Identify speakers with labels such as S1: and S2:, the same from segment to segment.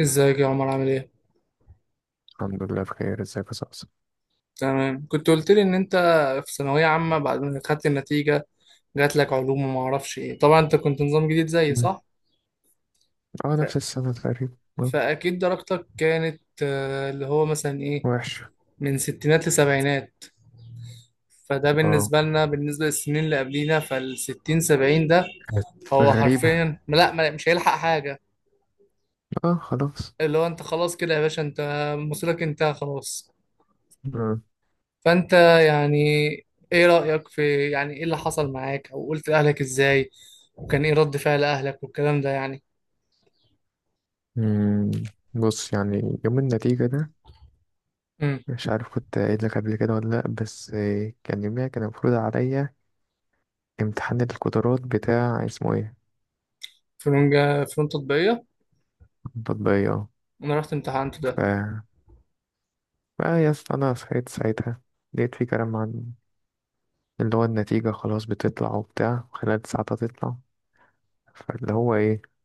S1: ازيك يا عمر، عامل ايه؟
S2: الحمد لله، بخير. ازيك يا صاصا؟
S1: تمام. كنت قلت لي ان انت في ثانوية عامة، بعد ما خدت النتيجة جات لك علوم وما اعرفش ايه. طبعا انت كنت نظام جديد زيي،
S2: مم.
S1: صح؟
S2: اه،
S1: ف...
S2: نفس السنة تقريبا.
S1: فاكيد درجتك كانت اللي هو مثلا ايه،
S2: وحشة.
S1: من ستينات لسبعينات. فده
S2: اه،
S1: بالنسبة لنا، بالنسبة للسنين اللي قبلينا، فالستين سبعين ده
S2: كانت
S1: هو
S2: غريبة.
S1: حرفيا لا، مش هيلحق حاجة.
S2: اه، خلاص.
S1: اللي هو انت خلاص كده يا باشا، انت مصيرك انتهى خلاص.
S2: آه.
S1: فانت يعني، ايه رأيك في، يعني، ايه اللي حصل معاك، او قلت لأهلك ازاي، وكان ايه رد فعل اهلك والكلام ده، يعني.
S2: مم. بص يعني يوم النتيجة ده،
S1: امم.
S2: مش عارف كنت قايل لك قبل كده ولا لأ، بس كان يوميها كان المفروض عليا امتحان القدرات بتاع اسمه ايه
S1: فنون تطبيقية.
S2: التطبيقية. اه.
S1: انا رحت امتحنت
S2: ف
S1: ده.
S2: بقى يا اسطى انا صحيت ساعتها، لقيت في كلام عن اللي هو النتيجة خلاص بتطلع وبتاع، خلال ساعة تطلع. فاللي هو ايه،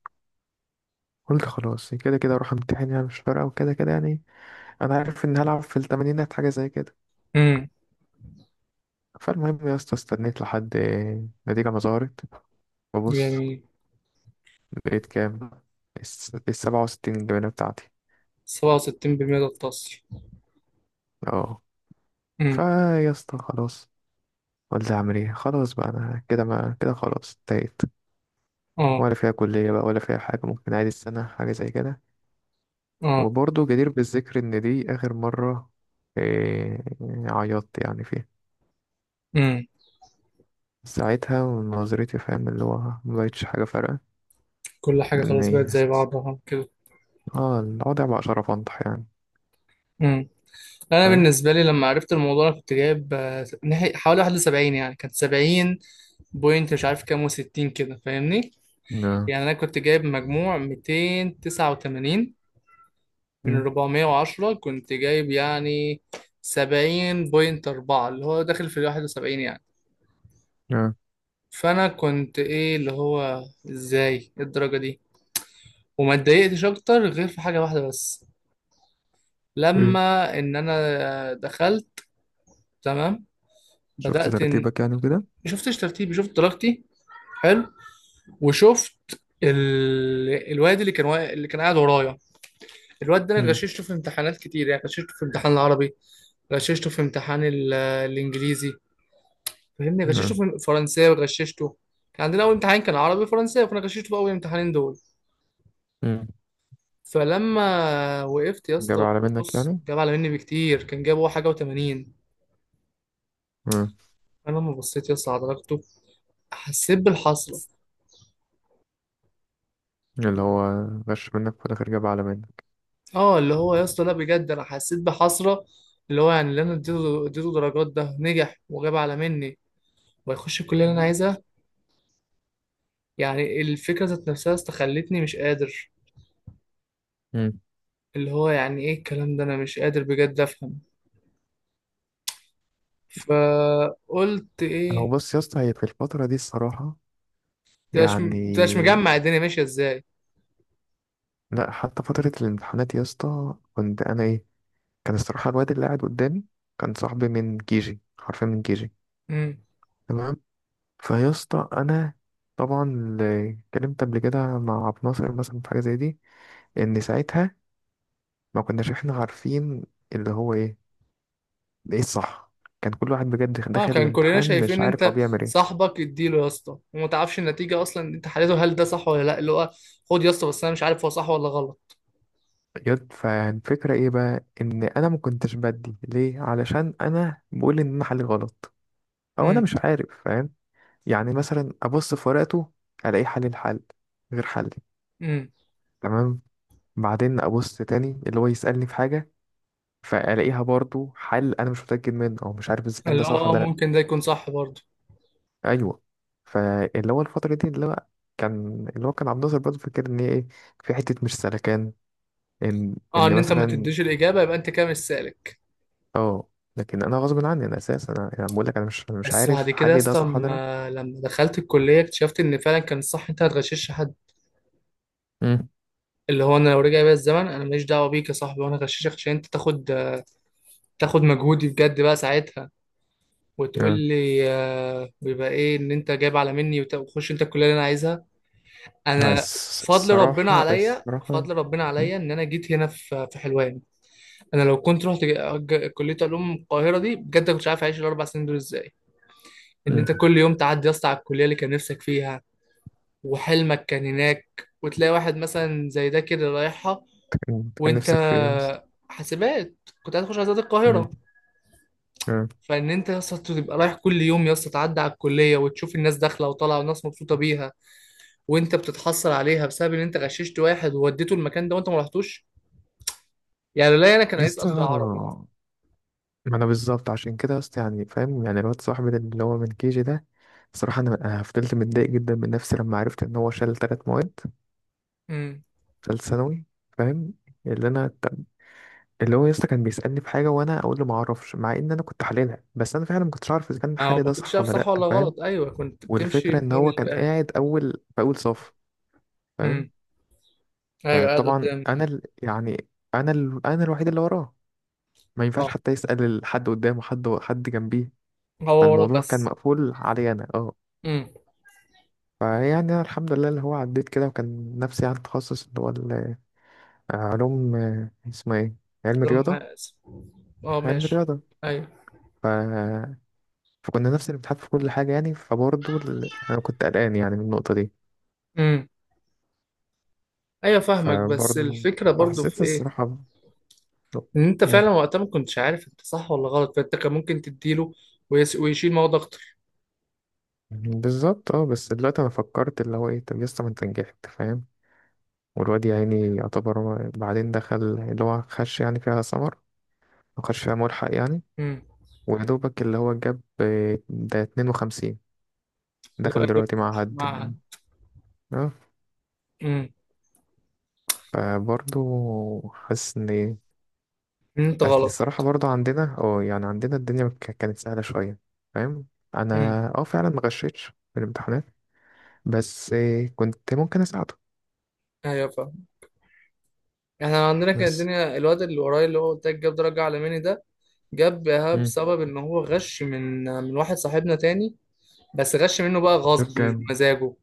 S2: قلت خلاص كده كده اروح امتحن، يعني مش فارقه، وكده كده يعني انا عارف ان هلعب في التمانينات، حاجه زي كده.
S1: امم.
S2: فالمهم يا اسطى استنيت لحد النتيجه ما ظهرت، ببص
S1: جميل.
S2: لقيت كام، 67 الجبنة بتاعتي.
S1: 67% ده التصل.
S2: اه. فا
S1: امم.
S2: يا اسطى خلاص، قلت اعمل ايه خلاص بقى، انا كده ما كده خلاص انتهيت.
S1: اه.
S2: ولا فيها كلية بقى ولا فيها حاجة، ممكن عادي السنة حاجة زي كده.
S1: اه.
S2: وبرضه جدير بالذكر ان دي اخر مرة إيه عيطت يعني فيها.
S1: امم.
S2: ساعتها من نظرتي، فاهم، اللي هو مبقتش حاجة فارقة.
S1: كل حاجة
S2: لأن
S1: خلاص بقت
S2: هي-
S1: زي بعضها كده.
S2: اه، الوضع بقى شرف أنطح يعني.
S1: امم. انا
S2: فاهم.
S1: بالنسبة لي لما عرفت الموضوع، انا كنت جايب حوالي 71، يعني كانت سبعين بوينت مش عارف كام وستين كده، فاهمني.
S2: نعم.
S1: يعني انا كنت جايب مجموع 289 من
S2: مم.
S1: 410، كنت جايب يعني 70.4 اللي هو داخل في ال 71، يعني.
S2: نعم.
S1: فأنا كنت إيه، اللي هو إزاي، إيه الدرجة دي؟ وما اتضايقتش أكتر غير في حاجة واحدة بس،
S2: إيه،
S1: لما إن أنا دخلت، تمام،
S2: شفت
S1: بدأت إن،
S2: ترتيبك يعني وكده.
S1: شفتش ترتيبي، شفت درجتي، حلو، وشفت الواد اللي كان قاعد ورايا. الواد ده أنا
S2: مم.
S1: غششته في امتحانات كتير، يعني غششته في امتحان العربي، غششته في امتحان الإنجليزي، فاهمني، غششته
S2: نعم.
S1: في فرنساوي، غششته. كان عندنا اول امتحان كان عربي فرنساوي، فانا غششته في اول امتحانين دول.
S2: مم.
S1: فلما وقفت يا
S2: جاب
S1: اسطى،
S2: على منك
S1: بص،
S2: يعني.
S1: جاب على مني بكتير، كان جاب هو حاجه و80.
S2: مم.
S1: انا لما بصيت يا اسطى على درجته حسيت بالحسره.
S2: اللي هو غش منك، في الآخر جاب على منك.
S1: اه، اللي هو يا اسطى، لا بجد، انا حسيت بحسره، اللي هو يعني اللي انا اديته درجات، ده نجح وجاب على مني ويخش الكليه اللي انا
S2: نعم.
S1: عايزها. يعني الفكره ذات نفسها يا اسطى خلتني مش قادر.
S2: مم.
S1: اللي هو يعني، ايه الكلام ده؟ انا مش قادر بجد افهم. فقلت
S2: هو
S1: ايه،
S2: بص يا اسطى، هي في الفترة دي الصراحة
S1: تبقاش
S2: يعني.
S1: تبقاش مجمع الدنيا ماشيه ازاي.
S2: لا، حتى فترة الامتحانات يا اسطى كنت أنا إيه، كان الصراحة الواد اللي قاعد قدامي كان صاحبي من كيجي، حرفيا من كيجي.
S1: امم.
S2: تمام. فيا اسطى انا طبعا اللي اتكلمت قبل كده مع عبد الناصر مثلا في حاجه زي دي، ان ساعتها ما كناش احنا عارفين اللي هو ايه، ايه الصح. كان كل واحد بجد
S1: اه،
S2: داخل
S1: كان كلنا
S2: الامتحان
S1: شايفين
S2: مش
S1: ان
S2: عارف هو
S1: انت
S2: بيعمل ايه.
S1: صاحبك اديله يا اسطى، وما تعرفش النتيجه اصلا انت حليته، هل ده صح ولا لا، اللي هو خد يا اسطى، بس انا مش عارف هو صح ولا غلط.
S2: يد، فالفكره ايه بقى، ان انا ما كنتش بدي ليه، علشان انا بقول ان انا حلي غلط، او انا
S1: امم.
S2: مش عارف، فاهم. يعني مثلا ابص في ورقته، الاقي حل الحل غير حلي.
S1: امم.
S2: تمام. بعدين ابص تاني اللي هو يسالني في حاجه، فالاقيها برضو حل انا مش متاكد منه، او مش عارف اذا كان ده
S1: اللي هو
S2: صح ولا لا.
S1: ممكن ده يكون صح برضه.
S2: ايوه. فاللي هو الفتره دي اللي هو كان، اللي هو كان عبد الناصر برضو فاكر ان هي ايه، في حته مش سلكان، ان
S1: اه،
S2: ان
S1: ان انت ما
S2: مثلا.
S1: تديش الاجابه يبقى انت كده مش سالك.
S2: اه. لكن انا غصب عني، انا اساسا انا يعني أنا بقول لك انا مش
S1: بس بعد
S2: عارف
S1: كده يا
S2: حل ده
S1: اسطى،
S2: صح ولا لا.
S1: لما دخلت الكليه اكتشفت ان فعلا كان الصح انت ما تغشش حد.
S2: امم
S1: اللي هو انا لو رجع بيا الزمن، انا ماليش دعوه بيك يا صاحبي، وانا غششك عشان انت تاخد مجهودي بجد، بقى ساعتها وتقول
S2: آه.
S1: لي ويبقى ايه ان انت جايب على مني، وتخش انت الكليه اللي انا عايزها.
S2: لا،
S1: انا فضل ربنا
S2: الصراحة
S1: عليا،
S2: الصراحة
S1: فضل ربنا
S2: مم.
S1: عليا ان انا جيت هنا في حلوان. انا لو كنت رحت كليه علوم القاهره دي، بجد كنت عارف اعيش الاربع سنين دول ازاي؟ ان
S2: مم.
S1: انت كل يوم تعدي يا اسطى على الكليه اللي كان نفسك فيها وحلمك كان هناك، وتلاقي واحد مثلا زي ده كده رايحها،
S2: كان
S1: وانت
S2: نفسك في ايه؟
S1: حاسبات، كنت عايز تخش عايزات
S2: مم.
S1: القاهره.
S2: آه.
S1: فان انت يا اسطى تبقى رايح كل يوم يا اسطى، تعدي على الكليه وتشوف الناس داخله وطالعه والناس مبسوطه بيها، وانت بتتحصل عليها بسبب ان انت غششت واحد ووديته المكان ده وانت ما رحتوش. يعني لا، انا كان
S2: يا اسطى
S1: هيسقط في العربي.
S2: ما انا بالظبط عشان كده، بس يعني فاهم، يعني الواد صاحبي ده اللي هو من كيجي ده، صراحة انا فضلت متضايق جدا من نفسي، لما عرفت ان هو شال 3 مواد،
S1: امم.
S2: شال ثانوي. فاهم. اللي انا طب- اللي هو يسطا كان بيسألني في حاجة، وانا اقول له ما اعرفش، مع ان انا كنت حللها، بس انا فعلا ما كنتش عارف اذا كان
S1: ما هو
S2: حالي
S1: ما
S2: ده
S1: كنتش
S2: صح
S1: عارف
S2: ولا
S1: صح
S2: لا،
S1: ولا
S2: فاهم.
S1: غلط، ايوه، كنت بتمشي
S2: والفكرة ان
S1: بنور
S2: هو كان
S1: الله.
S2: قاعد اول في اول صف. فاهم.
S1: امم. ايوه، قاعد
S2: فطبعا
S1: قدامي.
S2: انا ال... يعني انا ال... انا الوحيد اللي وراه، ما ينفعش
S1: اه،
S2: حتى يسأل حد قدامه، حد جنبيه.
S1: هو ورا
S2: فالموضوع كان
S1: بس.
S2: مقفول علي انا. اه.
S1: امم.
S2: فيعني أنا الحمد لله اللي هو عديت كده، وكان نفسي على التخصص علوم، اسمها ايه، علم
S1: لهم
S2: رياضة.
S1: حاسب. اه،
S2: علم
S1: ماشي.
S2: رياضة
S1: ايوه.
S2: ف... فكنا نفس الامتحان في كل حاجة يعني. أنا كنت قلقان يعني من النقطة دي.
S1: امم. ايوه فاهمك، بس
S2: فبرضه
S1: الفكره برضو في
S2: حسيت
S1: ايه،
S2: الصراحة
S1: ان انت
S2: مم.
S1: فعلا وقتها ما كنتش عارف انت صح ولا غلط، فانت كان ممكن تديله ويشيل مواد اكتر.
S2: بالظبط. اه، بس دلوقتي أنا فكرت اللي هو ايه، طب يسطا ما انت نجحت، فاهم. والواد يا عيني يعتبر هو بعدين دخل اللي هو خش يعني فيها سمر، وخش فيها ملحق يعني،
S1: امم.
S2: ويا دوبك اللي هو جاب، ده 52.
S1: اللي هو
S2: دخل
S1: انت
S2: دلوقتي مع
S1: بتخش
S2: حد يعني؟
S1: معهد.
S2: اه.
S1: امم.
S2: فبرضه حاسس ان ايه.
S1: انت
S2: بس
S1: غلط.
S2: الصراحة برضه عندنا اه، يعني عندنا الدنيا كانت سهلة شوية. فاهم. انا
S1: امم.
S2: اه، فعلا ما غشيتش في الامتحانات، بس إيه كنت ممكن اساعده.
S1: ايوه فاهم. احنا عندنا كانت
S2: بس.
S1: الدنيا، الواد اللي ورايا اللي هو قلت لك جاب درجه عالماني ده، جابها
S2: امم.
S1: بسبب ان هو غش من واحد صاحبنا تاني، بس غش منه بقى
S2: دول
S1: غصب مش
S2: كام؟
S1: بمزاجه.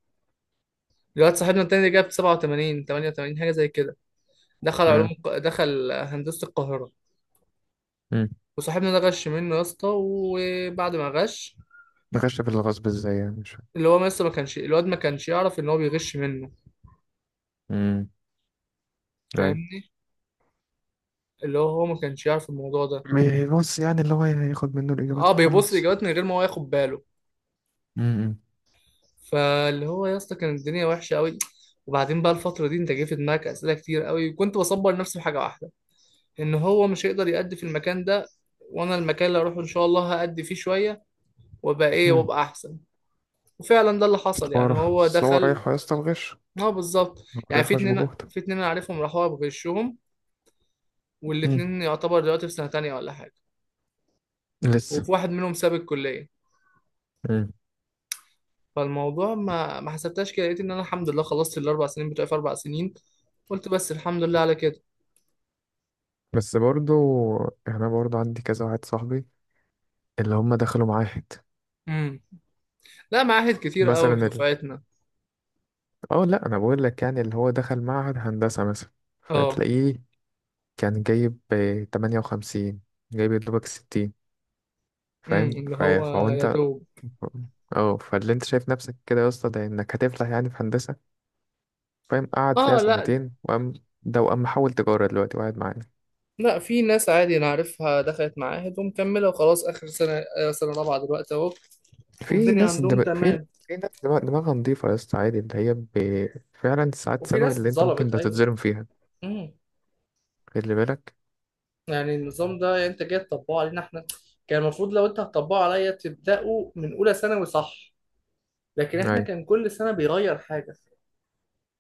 S1: الواد صاحبنا التاني ده جاب 87 88 حاجه زي كده، دخل
S2: اه.
S1: هندسه القاهره.
S2: امم.
S1: وصاحبنا ده غش منه يا اسطى، وبعد ما غش،
S2: غش في الغصب ازاي يعني، مش فاهم.
S1: اللي هو لسه ما كانش يعرف ان هو بيغش منه،
S2: امم. ايوه.
S1: فاهمني. اللي هو ما كانش يعرف الموضوع ده.
S2: بص يعني اللي هو ياخد منه الاجابات
S1: اه، بيبص
S2: وخلاص.
S1: الاجابات من غير ما هو ياخد باله.
S2: امم.
S1: فاللي هو يا اسطى كانت الدنيا وحشه قوي. وبعدين بقى الفتره دي انت جه في دماغك اسئله كتير قوي، كنت بصبر نفسي بحاجه واحده، ان هو مش هيقدر يأدي في المكان ده، وانا المكان اللي اروحه ان شاء الله هأدي فيه شويه وابقى ايه،
S2: امم.
S1: وابقى احسن. وفعلا ده اللي حصل يعني، هو
S2: أصل هو
S1: دخل.
S2: رايح يا اسطى الغش،
S1: اه بالظبط. يعني في
S2: رايح مش
S1: اتنين
S2: بجهد.
S1: في اتنين انا عارفهم راحوا بغشهم،
S2: امم.
S1: والاتنين يعتبر دلوقتي في سنه تانية ولا حاجه،
S2: لسه.
S1: وفي واحد منهم ساب الكليه. فالموضوع ما حسبتهاش كده، لقيت ان انا الحمد لله خلصت الاربع سنين بتوعي في اربع سنين. قلت بس الحمد لله على كده.
S2: بس برضو يعني انا برضو عندي كذا واحد صاحبي اللي هم دخلوا معاهد.
S1: امم. لا، معاهد كتير قوي في
S2: مثلا ال...
S1: دفعتنا.
S2: اه لا، انا بقول لك يعني اللي هو دخل معهد هندسة مثلا،
S1: اه.
S2: فتلاقيه كان جايب 58، جايب يا دوبك 60،
S1: امم.
S2: فاهم،
S1: اللي هو
S2: فهو
S1: يا
S2: انت
S1: دوب.
S2: اه، فاللي انت شايف نفسك كده يا اسطى، ده انك هتفلح يعني في هندسة، فاهم، قعد فيها
S1: اه، لا
S2: سنتين وقام، ده وقام محول تجارة دلوقتي وقاعد معانا.
S1: لا، في ناس عادي انا عارفها دخلت معاهد ومكمله وخلاص اخر سنه، سنه رابعه دلوقتي اهو،
S2: في
S1: والدنيا
S2: ناس
S1: عندهم
S2: دم... في
S1: تمام.
S2: في ناس دماغها نضيفة يا اسطى عادي، فعلا ساعات
S1: وفي
S2: ثانوي
S1: ناس
S2: اللي انت ممكن
S1: اتظلمت،
S2: ده
S1: ايوه.
S2: تتظلم فيها.
S1: امم.
S2: خلي بالك.
S1: يعني النظام ده، يعني انت جاي تطبقه علينا احنا، كان المفروض لو انت هتطبقه عليا تبداه من اولى ثانوي، صح؟ لكن احنا
S2: ايوه.
S1: كان كل سنه بيغير حاجه،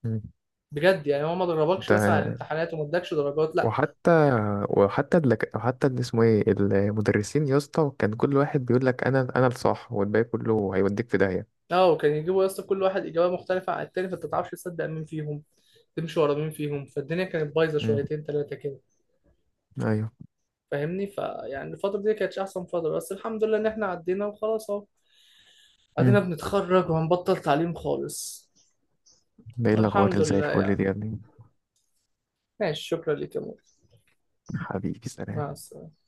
S2: مم.
S1: بجد. يعني هو ما دربكش مثلا على
S2: ده
S1: الامتحانات وما ادكش درجات، لا.
S2: وحتى وحتى اللي اسمه ايه، المدرسين يا اسطى كان كل واحد بيقول لك، انا الصح والباقي كله هيوديك في داهيه.
S1: اه، وكان يجيبوا يا اسطى كل واحد اجابه مختلفه عن التاني، فانت ما تعرفش تصدق مين فيهم، تمشي ورا مين فيهم. فالدنيا كانت بايظه
S2: مم.
S1: شويتين ثلاثه كده،
S2: ايوه.
S1: فاهمني. فيعني الفتره دي كانتش احسن فتره، بس الحمد لله ان احنا عدينا وخلاص، اهو ادينا
S2: مم.
S1: بنتخرج وهنبطل تعليم خالص.
S2: ده ايه الاخبار
S1: والحمد
S2: اللي زي
S1: لله
S2: الفل دي
S1: يعني.
S2: يا ابني.
S1: ماشي، شكرا لك يا مول.
S2: حبيبي،
S1: مع
S2: سلام.
S1: السلامه.